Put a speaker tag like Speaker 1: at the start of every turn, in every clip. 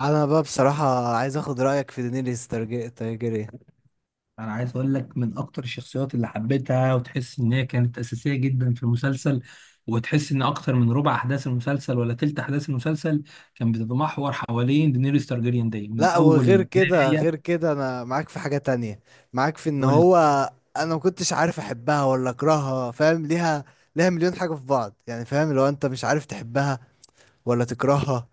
Speaker 1: انا بقى بصراحة عايز اخد رأيك في دينيريس تارجيريان.
Speaker 2: انا عايز اقول لك من اكتر الشخصيات اللي حبيتها، وتحس ان هي كانت اساسيه جدا في المسلسل، وتحس ان اكتر من ربع احداث المسلسل ولا تلت احداث المسلسل كان بتتمحور حوالين دينيريس تارجيريان دي من
Speaker 1: لا،
Speaker 2: اول
Speaker 1: وغير كده
Speaker 2: البدايه.
Speaker 1: غير كده انا معاك في حاجة تانية، معاك في ان
Speaker 2: تقول لي.
Speaker 1: هو انا ما كنتش عارف احبها ولا اكرهها. فاهم؟ ليها مليون حاجة في بعض، يعني فاهم لو انت مش عارف تحبها ولا تكرهها.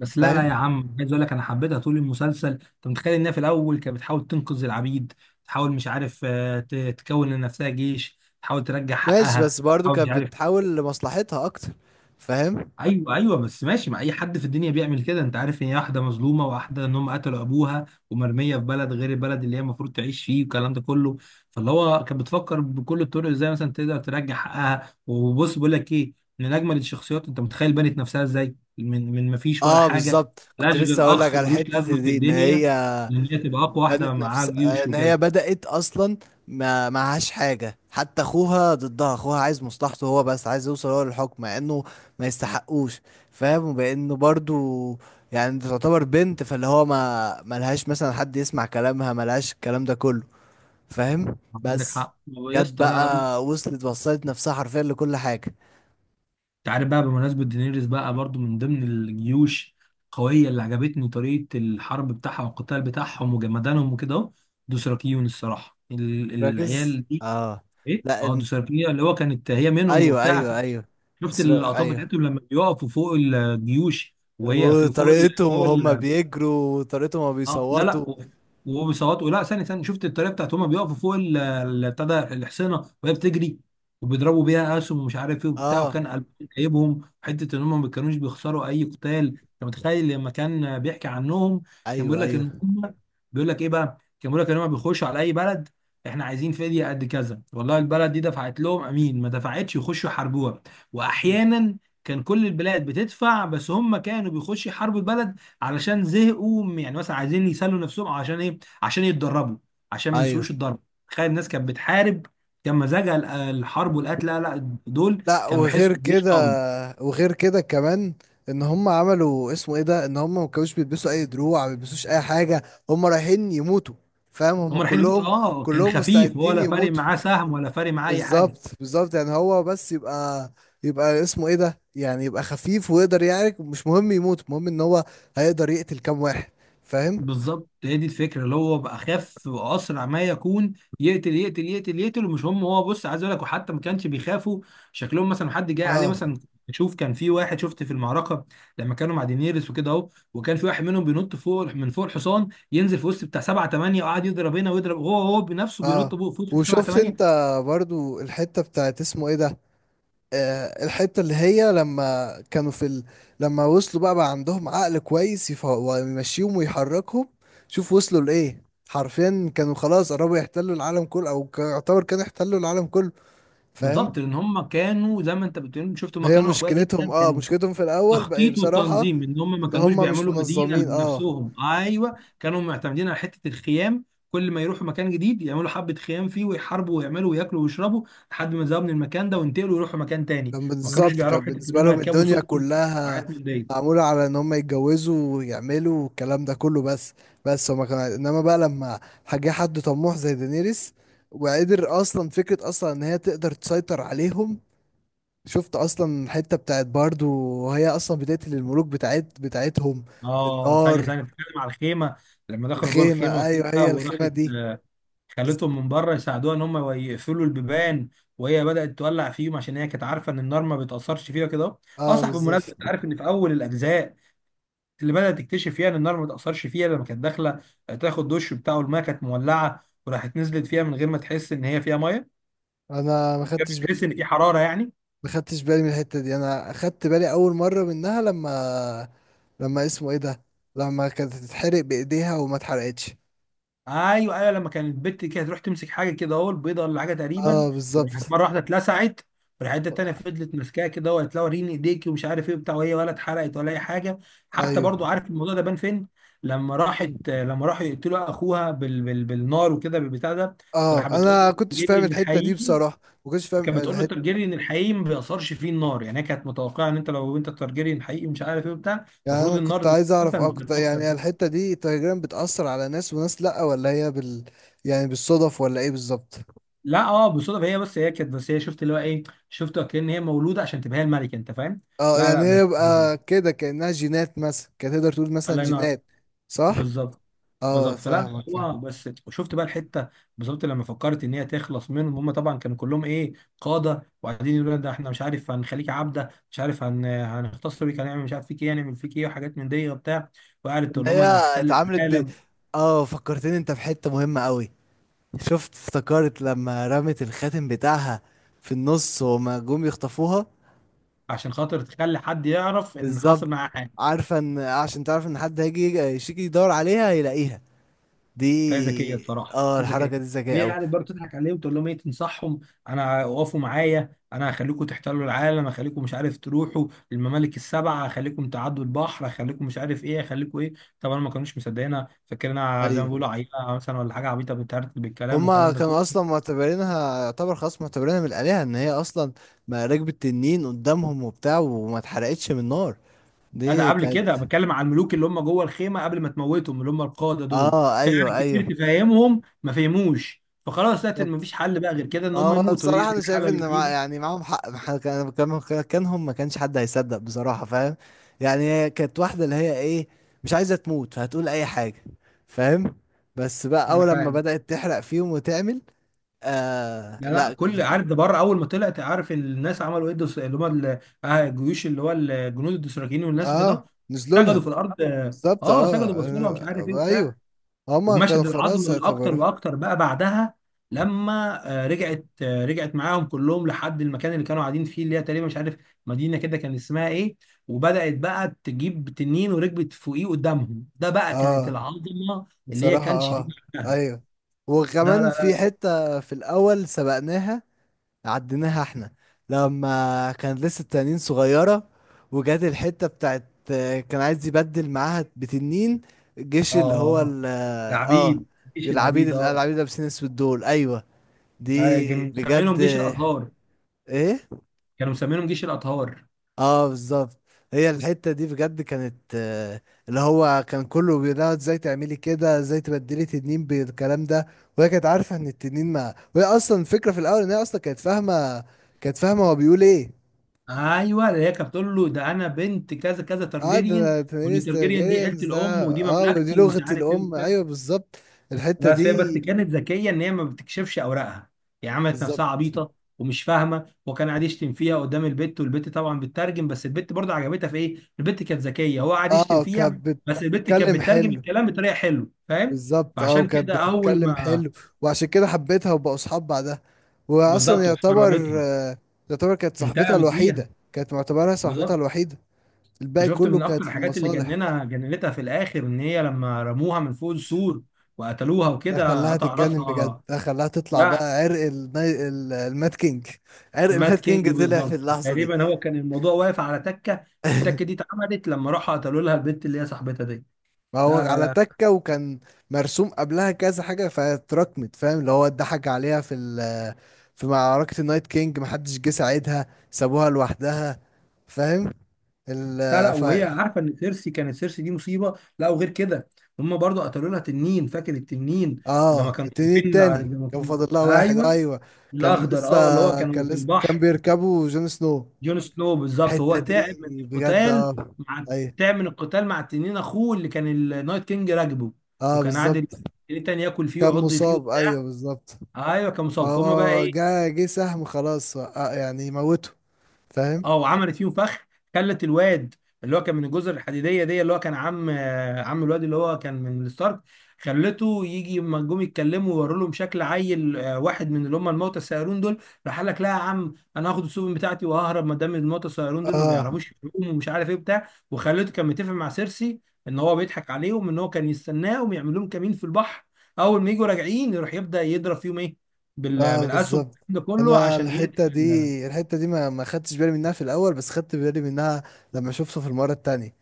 Speaker 2: بس لا
Speaker 1: فاهم؟
Speaker 2: لا يا عم، عايز اقول لك انا حبيتها طول المسلسل. انت متخيل انها في الاول كانت بتحاول تنقذ العبيد، تحاول مش عارف، تكون لنفسها جيش، تحاول ترجع
Speaker 1: ماشي،
Speaker 2: حقها.
Speaker 1: بس برضو
Speaker 2: تحاول
Speaker 1: كانت
Speaker 2: مش عارف.
Speaker 1: بتحاول لمصلحتها اكتر. فاهم.
Speaker 2: ايوه ايوه بس ماشي، ما اي حد في الدنيا بيعمل كده. انت عارف ان هي واحده مظلومه، واحده ان هم قتلوا ابوها ومرميه في بلد غير البلد اللي هي المفروض تعيش فيه والكلام ده كله. فاللي هو كانت بتفكر بكل الطرق ازاي مثلا تقدر ترجع حقها. وبص بقول لك ايه، من اجمل الشخصيات. انت متخيل بنت نفسها ازاي من ما فيش ولا
Speaker 1: اه،
Speaker 2: حاجه،
Speaker 1: بالظبط، كنت
Speaker 2: ملهاش
Speaker 1: لسه
Speaker 2: غير
Speaker 1: اقول لك
Speaker 2: اخ
Speaker 1: على
Speaker 2: ملوش
Speaker 1: حتة
Speaker 2: لازمه في
Speaker 1: دي، ان
Speaker 2: الدنيا،
Speaker 1: هي
Speaker 2: ان هي تبقى اقوى واحده
Speaker 1: بنت
Speaker 2: معاها
Speaker 1: نفس
Speaker 2: جيوش
Speaker 1: ان هي
Speaker 2: وكده.
Speaker 1: بدأت اصلا ما معهاش حاجة، حتى اخوها ضدها. اخوها عايز مصلحته هو بس، عايز يوصل هو للحكم مع انه ما يستحقوش. فاهم؟ وبانه برضو، يعني دي تعتبر بنت، فاللي هو ما ملهاش مثلا حد يسمع كلامها، ملهاش الكلام ده كله. فاهم؟
Speaker 2: عندك
Speaker 1: بس
Speaker 2: حق يا
Speaker 1: جت
Speaker 2: اسطى. لا
Speaker 1: بقى،
Speaker 2: بص،
Speaker 1: وصلت نفسها حرفيا لكل حاجة.
Speaker 2: انت عارف بقى بمناسبة دينيريس، بقى برضو من ضمن الجيوش القوية اللي عجبتني طريقة الحرب بتاعها والقتال بتاعهم وجمدانهم وكده اهو، دوسراكيون. الصراحة
Speaker 1: ركز.
Speaker 2: العيال دي،
Speaker 1: اه.
Speaker 2: ايه،
Speaker 1: لا،
Speaker 2: اه دوسراكيون، اللي هو كانت هي منهم
Speaker 1: ايوه
Speaker 2: وبتاع.
Speaker 1: ايوه ايوه.
Speaker 2: شفت اللقطات
Speaker 1: ايوه،
Speaker 2: بتاعتهم لما بيقفوا فوق الجيوش وهي في فوق
Speaker 1: وطريقتهم
Speaker 2: فوق.
Speaker 1: وهم بيجروا وطريقتهم وهما
Speaker 2: اه لا لا
Speaker 1: بيصوتوا.
Speaker 2: و- وهو بيصوتوا. لا، ثاني شفت الطريقه بتاعت هما بيقفوا فوق بتاع ده الحصينه وهي بتجري وبيضربوا بيها اسهم ومش عارف ايه وبتاع.
Speaker 1: اه،
Speaker 2: وكان قلب جايبهم حته ان هم ما كانوش بيخسروا اي قتال. انت متخيل لما كان بيحكي عنهم كان بيقول
Speaker 1: ايوه
Speaker 2: لك ان
Speaker 1: ايوه
Speaker 2: هم، بيقول لك ايه بقى، كان بيقول لك ان هم بيخشوا على اي بلد، احنا عايزين فديه قد كذا، والله البلد دي دفعت لهم امين، ما دفعتش يخشوا يحاربوها. واحيانا كان كل البلاد بتدفع، بس هم كانوا بيخشوا يحاربوا البلد علشان زهقوا، يعني مثلا عايزين يسلوا نفسهم، عشان ايه، عشان يتدربوا، عشان ما
Speaker 1: ايوه.
Speaker 2: ينسوش الضرب. تخيل الناس كانت بتحارب، كان مزاجها الحرب والقتل. لا، دول
Speaker 1: لا،
Speaker 2: كانوا
Speaker 1: وغير
Speaker 2: بيحسوا بجيش
Speaker 1: كده
Speaker 2: قوي.
Speaker 1: وغير كده كمان ان هم عملوا اسمه ايه ده، ان هم ما كانوش بيلبسوا اي دروع، ما بيلبسوش اي حاجه، هم رايحين يموتوا. فاهم؟ هم
Speaker 2: هم رايحين يموتوا،
Speaker 1: كلهم
Speaker 2: اه، كان
Speaker 1: كلهم
Speaker 2: خفيف،
Speaker 1: مستعدين
Speaker 2: ولا فارق
Speaker 1: يموتوا.
Speaker 2: معاه سهم ولا فارق معاه اي حاجه.
Speaker 1: بالظبط، بالظبط، يعني هو بس يبقى اسمه ايه ده، يعني يبقى خفيف ويقدر يعرك، مش مهم يموت، المهم ان هو هيقدر يقتل كام واحد. فاهم؟
Speaker 2: بالظبط، هي دي الفكره، اللي هو بقى اخف واسرع ما يكون، يقتل يقتل يقتل يقتل. ومش هم هو، بص عايز اقول لك، وحتى ما كانش بيخافوا شكلهم مثلا حد جاي عليه
Speaker 1: اه،
Speaker 2: مثلا. شوف، كان في واحد شفت في المعركه لما كانوا مع دينيرس وكده اهو، وكان في واحد منهم بينط فوق من فوق الحصان ينزل في وسط بتاع سبعه ثمانيه وقعد يضرب هنا ويضرب، هو بنفسه بينط
Speaker 1: اه،
Speaker 2: فوق في وسط سبعه
Speaker 1: وشفت انت
Speaker 2: ثمانيه.
Speaker 1: برضو الحتة بتاعت اسمه ايه ده، آه الحتة اللي هي لما كانوا في لما وصلوا بقى, عندهم عقل كويس ويمشيهم ويحركهم. شوف وصلوا لإيه، حرفيا كانوا خلاص قربوا يحتلوا العالم كله، او يعتبر كانوا يحتلوا العالم كله. فاهم؟
Speaker 2: بالظبط، لان هم كانوا زي ما انت بتقول، شفت هم
Speaker 1: هي
Speaker 2: كانوا اقوياء
Speaker 1: مشكلتهم
Speaker 2: جدا.
Speaker 1: اه
Speaker 2: كان
Speaker 1: مشكلتهم في الاول بقى
Speaker 2: تخطيط
Speaker 1: بصراحة
Speaker 2: والتنظيم ان هم ما
Speaker 1: ان
Speaker 2: كانوش
Speaker 1: هم مش
Speaker 2: بيعملوا مدينه
Speaker 1: منظمين. اه.
Speaker 2: بنفسهم. ايوه، كانوا معتمدين على حته الخيام، كل ما يروحوا مكان جديد يعملوا حبه خيام فيه ويحاربوا ويعملوا وياكلوا ويشربوا لحد ما يذهبوا من المكان ده وينتقلوا يروحوا مكان تاني.
Speaker 1: كان
Speaker 2: ما كانوش
Speaker 1: بالظبط، كان
Speaker 2: بيعرفوا حته ان
Speaker 1: بالنسبة
Speaker 2: هم
Speaker 1: لهم
Speaker 2: يركبوا
Speaker 1: الدنيا
Speaker 2: سفن
Speaker 1: كلها
Speaker 2: وحاجات من دي.
Speaker 1: معمولة على ان هم يتجوزوا ويعملوا الكلام ده كله بس. بس هما كان، انما بقى لما جه حد طموح زي دينيريس وقدر اصلا، فكرة اصلا ان هي تقدر تسيطر عليهم. شفت اصلا الحتة بتاعت باردو، وهي اصلا بتقتل الملوك بتاعتهم
Speaker 2: اه ثانيه
Speaker 1: بالنار.
Speaker 2: ثانيه بتتكلم على الخيمه لما دخلوا جوه
Speaker 1: الخيمة،
Speaker 2: الخيمه
Speaker 1: ايوه،
Speaker 2: وكده
Speaker 1: هي الخيمة
Speaker 2: وراحت
Speaker 1: دي.
Speaker 2: آه، خالتهم
Speaker 1: بالظبط.
Speaker 2: من بره يساعدوها ان هم يقفلوا البيبان، وهي بدات تولع فيهم عشان هي كانت عارفه ان النار ما بتاثرش فيها كده. اه
Speaker 1: اه
Speaker 2: صح،
Speaker 1: بالظبط.
Speaker 2: بالمناسبه انت عارف ان في اول الاجزاء اللي بدأت تكتشف يعني النار ما تأثرش فيها، لما كانت داخلة تاخد دش بتاعه الماء، كانت مولعة وراحت نزلت فيها من غير ما تحس إن هي فيها مية،
Speaker 1: انا ما
Speaker 2: من غير ما
Speaker 1: خدتش
Speaker 2: تحس
Speaker 1: بالي.
Speaker 2: إن في حرارة يعني.
Speaker 1: ما خدتش بالي من الحتة دي، انا خدت بالي اول مرة منها لما اسمه ايه ده، لما كانت تتحرق بايديها وما اتحرقتش.
Speaker 2: أيوه أيوه، لما كانت البت كده تروح تمسك حاجة كده، أهو البيضة ولا حاجة تقريبا،
Speaker 1: اه
Speaker 2: وراحت
Speaker 1: بالظبط.
Speaker 2: مرة واحدة اتلسعت، والحته التانية فضلت ماسكاها كده وقالت لها وريني ايديكي ومش عارف ايه وبتاع، وهي ولا اتحرقت ولا اي حاجه. حتى
Speaker 1: ايوه.
Speaker 2: برضو، عارف الموضوع ده بان فين؟ لما
Speaker 1: مم.
Speaker 2: راحت، لما راحوا يقتلوا اخوها بالنار وكده بالبتاع ده، فراح
Speaker 1: اه
Speaker 2: بتقول
Speaker 1: انا
Speaker 2: له
Speaker 1: كنتش
Speaker 2: جري
Speaker 1: فاهم
Speaker 2: من
Speaker 1: الحتة دي
Speaker 2: الحقيقي،
Speaker 1: بصراحة، ما كنتش فاهم
Speaker 2: كانت بتقول له
Speaker 1: الحتة.
Speaker 2: الترجيريان الحقيقي ما بيأثرش فيه النار. يعني هي كانت متوقعه ان انت لو انت الترجيريان الحقيقي مش عارف ايه وبتاع،
Speaker 1: يعني
Speaker 2: المفروض
Speaker 1: انا
Speaker 2: النار
Speaker 1: كنت
Speaker 2: زي كده
Speaker 1: عايز
Speaker 2: مثلا
Speaker 1: اعرف، اه،
Speaker 2: مش
Speaker 1: كنت
Speaker 2: بتأثر
Speaker 1: يعني
Speaker 2: فيه.
Speaker 1: الحتة دي تقريبا بتأثر على ناس وناس، لا، ولا هي يعني بالصدف ولا ايه بالظبط؟
Speaker 2: لا، اه، بالصدفه، هي بس، هي كانت بس هي شفت اللي هو ايه، شفت كأن هي مولوده عشان تبقى هي الملكه، انت فاهم.
Speaker 1: اه،
Speaker 2: لا لا
Speaker 1: يعني هي
Speaker 2: بت...
Speaker 1: يبقى كده كأنها جينات مثلا، كانت تقدر تقول مثلا
Speaker 2: الله ينور.
Speaker 1: جينات. صح.
Speaker 2: بالظبط.
Speaker 1: اه
Speaker 2: بالظبط، فلا
Speaker 1: فاهمك،
Speaker 2: بس هو
Speaker 1: فاهم.
Speaker 2: بس وشفت بقى الحته. بالظبط، لما فكرت ان هي تخلص منهم، هم طبعا كانوا كلهم ايه، قاده، وقاعدين يقولوا لنا، ده احنا مش عارف هنخليك عبده، مش عارف هنختصر بيك، هنعمل مش عارف فيك ايه، هنعمل فيك ايه، وحاجات من دي وبتاع، وقعدت
Speaker 1: ان
Speaker 2: تقول لهم
Speaker 1: هي
Speaker 2: انا هحتل
Speaker 1: اتعاملت ب
Speaker 2: العالم.
Speaker 1: اه فكرتني انت في حتة مهمة قوي. شفت افتكرت لما رمت الخاتم بتاعها في النص، وما جم يخطفوها.
Speaker 2: عشان خاطر تخلي حد يعرف ان حصل
Speaker 1: بالظبط.
Speaker 2: معاه حاجه.
Speaker 1: عارفة ان عشان تعرف ان حد هيجي يشيك يدور عليها هيلاقيها دي.
Speaker 2: هي ذكيه بصراحه،
Speaker 1: اه،
Speaker 2: هي
Speaker 1: الحركة
Speaker 2: ذكيه.
Speaker 1: دي ذكية
Speaker 2: وهي
Speaker 1: قوي.
Speaker 2: قاعده برضه تضحك عليهم تقول لهم ايه، تنصحهم، انا وقفوا معايا انا هخليكم تحتلوا العالم، هخليكم مش عارف تروحوا الممالك السبعه، هخليكم تعدوا البحر، هخليكم مش عارف ايه، هخليكم ايه. طبعا ما كانوش مصدقينها، فاكرينها زي ما
Speaker 1: ايوه،
Speaker 2: بيقولوا عيله مثلا ولا حاجه عبيطه بتهرتل بالكلام
Speaker 1: هما
Speaker 2: والكلام ده كله.
Speaker 1: كانوا اصلا معتبرينها، يعتبر خلاص معتبرينها من الآلهة، ان هي اصلا ما ركبت تنين قدامهم وبتاع، وما اتحرقتش من النار
Speaker 2: لا، ده
Speaker 1: دي
Speaker 2: قبل
Speaker 1: كانت.
Speaker 2: كده، بتكلم على الملوك اللي هم جوه الخيمه قبل ما تموتهم، اللي هم القاده دول.
Speaker 1: اه ايوه
Speaker 2: فعلا
Speaker 1: ايوه
Speaker 2: كتير تفهمهم ما فهموش، فخلاص لقيت ان مفيش
Speaker 1: بالظبط.
Speaker 2: حل بقى غير كده ان هم
Speaker 1: هو
Speaker 2: يموتوا، هي
Speaker 1: بصراحة
Speaker 2: دي
Speaker 1: أنا شايف
Speaker 2: الحاله
Speaker 1: إن مع،
Speaker 2: الوحيده.
Speaker 1: يعني معاهم حق، كانهم ما كانش حد هيصدق بصراحة. فاهم؟ يعني هي كانت واحدة اللي هي إيه، مش عايزة تموت فهتقول أي حاجة. فاهم؟ بس بقى
Speaker 2: انا
Speaker 1: أول لما
Speaker 2: فاهم.
Speaker 1: بدأت تحرق فيهم وتعمل. آه
Speaker 2: لا،
Speaker 1: لا.
Speaker 2: كل عارف ده بره، اول ما طلعت عارف الناس عملوا ايه؟ الدس- اللي هم ال- آه، الجيوش، اللي هو الجنود الدوسراكيين والناس
Speaker 1: آه
Speaker 2: وكده،
Speaker 1: نزلوا
Speaker 2: سجدوا في
Speaker 1: لها.
Speaker 2: الارض.
Speaker 1: بالظبط
Speaker 2: اه سجدوا، بصوا لها مش عارف ايه
Speaker 1: آه
Speaker 2: وبتاع.
Speaker 1: أيوه، هما كانوا
Speaker 2: ومشهد
Speaker 1: خلاص
Speaker 2: العظمه الاكتر
Speaker 1: اعتبروا.
Speaker 2: واكتر بقى بعدها، لما رجعت معاهم كلهم لحد المكان اللي كانوا قاعدين فيه، اللي هي تقريبا مش عارف، مدينه كده كان اسمها ايه، وبدات بقى تجيب تنين وركبت فوقيه قدامهم. ده بقى كانت
Speaker 1: آه
Speaker 2: العظمه اللي هي
Speaker 1: بصراحة
Speaker 2: كانش فيه بعدها.
Speaker 1: أيوه،
Speaker 2: لا
Speaker 1: وكمان
Speaker 2: لا
Speaker 1: في
Speaker 2: لا
Speaker 1: حتة في الأول سبقناها، عديناها احنا لما كان لسه التنانين صغيرة، وجات الحتة بتاعت كان عايز يبدل معاها بتنين الجيش اللي هو
Speaker 2: اه،
Speaker 1: اه،
Speaker 2: العبيد، مفيش،
Speaker 1: العبيد
Speaker 2: العبيد اه،
Speaker 1: العبيد لابسين اسود دول، ايوه. دي
Speaker 2: كانوا مسمينهم
Speaker 1: بجد
Speaker 2: جيش الاطهار.
Speaker 1: ايه.
Speaker 2: كانوا مسمينهم جيش الاطهار.
Speaker 1: اه بالظبط. هي الحتة دي بجد كانت اللي هو كان كله بيقولها ازاي تعملي كده، ازاي تبدلي تنين بالكلام ده. وهي كانت عارفة ان التنين ما، وهي اصلا الفكرة في الاول ان هي اصلا كانت فاهمة هو بيقول ايه.
Speaker 2: ايوه، اللي هي كانت بتقول له ده انا بنت كذا كذا
Speaker 1: اه
Speaker 2: ترجيريان،
Speaker 1: ده
Speaker 2: وان
Speaker 1: تنريس
Speaker 2: ترجيريان دي عيله
Speaker 1: تارجيريانز ده.
Speaker 2: الام ودي
Speaker 1: اه ودي
Speaker 2: مملكتي ومش
Speaker 1: لغة
Speaker 2: عارف ايه
Speaker 1: الأم،
Speaker 2: وبتاع.
Speaker 1: أيوه بالظبط الحتة
Speaker 2: بس هي
Speaker 1: دي.
Speaker 2: كانت ذكيه ان هي ما بتكشفش اوراقها، هي عملت نفسها
Speaker 1: بالظبط،
Speaker 2: عبيطه ومش فاهمه، وكان قاعد يشتم فيها قدام البت، والبت طبعا بتترجم. بس البت برضه عجبتها في ايه؟ البت كانت ذكيه، هو قاعد يشتم
Speaker 1: اه كانت
Speaker 2: فيها بس البت كانت
Speaker 1: بتتكلم
Speaker 2: بتترجم
Speaker 1: حلو.
Speaker 2: الكلام بطريقه حلوه، فاهم؟
Speaker 1: بالظبط، اه
Speaker 2: فعشان
Speaker 1: وكانت
Speaker 2: كده اول
Speaker 1: بتتكلم
Speaker 2: ما،
Speaker 1: حلو، وعشان كده حبيتها وبقوا صحاب بعدها. وأصلا
Speaker 2: بالظبط،
Speaker 1: يعتبر،
Speaker 2: وحررتها،
Speaker 1: يعتبر كانت صاحبتها
Speaker 2: انتقمت ليها،
Speaker 1: الوحيدة، كانت معتبرها صاحبتها
Speaker 2: بالظبط.
Speaker 1: الوحيدة، الباقي
Speaker 2: شفت
Speaker 1: كله
Speaker 2: من اكتر
Speaker 1: كانت
Speaker 2: الحاجات اللي
Speaker 1: للمصالح.
Speaker 2: جننها، جننتها في الاخر، ان هي لما رموها من فوق السور وقتلوها
Speaker 1: ده
Speaker 2: وكده
Speaker 1: خلاها
Speaker 2: قطع
Speaker 1: تتجنن بجد،
Speaker 2: راسها.
Speaker 1: ده خلاها تطلع بقى
Speaker 2: ده
Speaker 1: عرق المات كينج. عرق
Speaker 2: مات
Speaker 1: المات
Speaker 2: كينج
Speaker 1: كينج طلع في
Speaker 2: بالظبط،
Speaker 1: اللحظة دي.
Speaker 2: تقريبا هو كان الموضوع واقف على تكه والتكه دي اتعملت لما راحوا قتلوا لها البنت اللي هي صاحبتها دي.
Speaker 1: ما هو
Speaker 2: لا لا
Speaker 1: على
Speaker 2: لا
Speaker 1: تكة، وكان مرسوم قبلها كذا حاجة فاتراكمت. فاهم؟ اللي هو اتضحك عليها في في معركة النايت كينج محدش جه ساعدها، سابوها لوحدها. فاهم؟
Speaker 2: لا لا
Speaker 1: ال ف
Speaker 2: وهي عارفه ان سيرسي كانت، سيرسي دي مصيبه. لا وغير كده، هم برضو قتلوا لها تنين، فاكر التنين لما
Speaker 1: اه
Speaker 2: كانوا
Speaker 1: التنين
Speaker 2: واقفين على-،
Speaker 1: التاني
Speaker 2: لما
Speaker 1: كان
Speaker 2: كانوا-،
Speaker 1: فاضل لها واحد،
Speaker 2: ايوه،
Speaker 1: ايوه. كان
Speaker 2: الاخضر،
Speaker 1: لسه
Speaker 2: اه، اللي هو كانوا
Speaker 1: كان
Speaker 2: في
Speaker 1: لسه كان
Speaker 2: البحر.
Speaker 1: بيركبوا جون سنو
Speaker 2: جون سنو بالظبط، هو
Speaker 1: الحتة دي
Speaker 2: تعب من
Speaker 1: بجد.
Speaker 2: القتال
Speaker 1: اه.
Speaker 2: مع،
Speaker 1: ايوه.
Speaker 2: تعب من القتال مع تنين اخوه اللي كان النايت كينج راكبه،
Speaker 1: اه
Speaker 2: وكان قاعد
Speaker 1: بالظبط.
Speaker 2: التاني ياكل فيه
Speaker 1: كان
Speaker 2: ويعض فيه
Speaker 1: مصاب،
Speaker 2: وبتاع.
Speaker 1: ايوه بالظبط.
Speaker 2: ايوه كان مصاب، فهم بقى
Speaker 1: هو
Speaker 2: ايه.
Speaker 1: جه سهم خلاص، آه يعني موته. فاهم؟
Speaker 2: اه، وعملت فيهم فخ، خلت الواد اللي هو كان من الجزر الحديديه دي، اللي هو كان عم عم الواد اللي هو كان من الستارك، خلته يجي لما جم يتكلموا ويوروا لهم شكل عيل، واحد من اللي هم الموتى السيارون دول، راح قال لك لا يا عم انا هاخد السفن بتاعتي وههرب ما دام الموتى السيارون دول ما
Speaker 1: اه
Speaker 2: بيعرفوش يعوموا ومش عارف ايه بتاع، وخلته كان متفق مع سيرسي ان هو بيضحك عليهم، ان هو كان يستناهم يعمل لهم كمين في البحر، اول ما يجوا راجعين يروح يبدا يضرب فيهم ايه
Speaker 1: اه
Speaker 2: بالاسهم
Speaker 1: بالظبط.
Speaker 2: ده كله
Speaker 1: انا
Speaker 2: عشان يقتل
Speaker 1: الحته دي الحته دي ما خدتش بالي منها في الاول، بس خدت بالي منها لما شفته في المره التانية.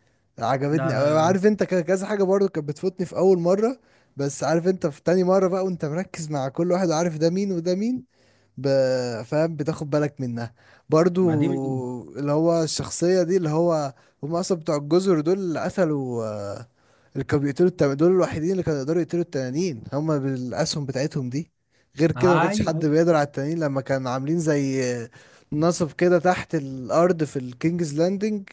Speaker 2: ده.
Speaker 1: عجبتني أوي.
Speaker 2: لا،
Speaker 1: عارف انت كذا حاجه برضو كانت بتفوتني في اول مره، بس عارف انت في تاني مره بقى، وانت مركز مع كل واحد وعارف ده مين وده مين. ب... فاهم؟ بتاخد بالك منها برضو،
Speaker 2: بعدين،
Speaker 1: اللي هو الشخصية دي، اللي هو هم أصلا بتوع الجزر دول اللي قتلوا، اللي كانوا بيقتلوا دول الوحيدين اللي كانوا يقدروا يقتلوا التنانين، هم بالأسهم بتاعتهم دي. غير كده ما
Speaker 2: ايوه
Speaker 1: كانش حد
Speaker 2: ايوه
Speaker 1: بيقدر على التنانين، لما كانوا عاملين زي نصب كده تحت الأرض في الكينجز لاندنج،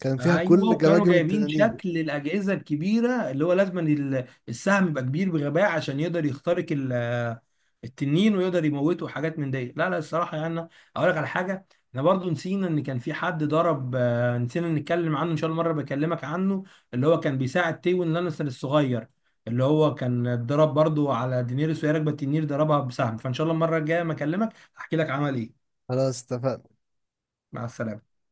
Speaker 1: كان فيها
Speaker 2: ايوه
Speaker 1: كل
Speaker 2: وكانوا
Speaker 1: جماجم
Speaker 2: جايبين
Speaker 1: التنانين.
Speaker 2: شكل الاجهزه الكبيره، اللي هو لازم إن السهم يبقى كبير بغباء عشان يقدر يخترق التنين ويقدر يموته، وحاجات من دي. لا، الصراحه يعني أنا اقول لك على حاجه، احنا برضو نسينا ان كان في حد ضرب، نسينا نتكلم عنه، ان شاء الله مره بكلمك عنه، اللي هو كان بيساعد تيون لانستر الصغير، اللي هو كان اتضرب برضو على دينيريس وهي راكبه التنين، ضربها بسهم. فان شاء الله المره الجايه ما اكلمك احكي لك عمل ايه.
Speaker 1: خلاص اتفقنا.
Speaker 2: مع السلامه.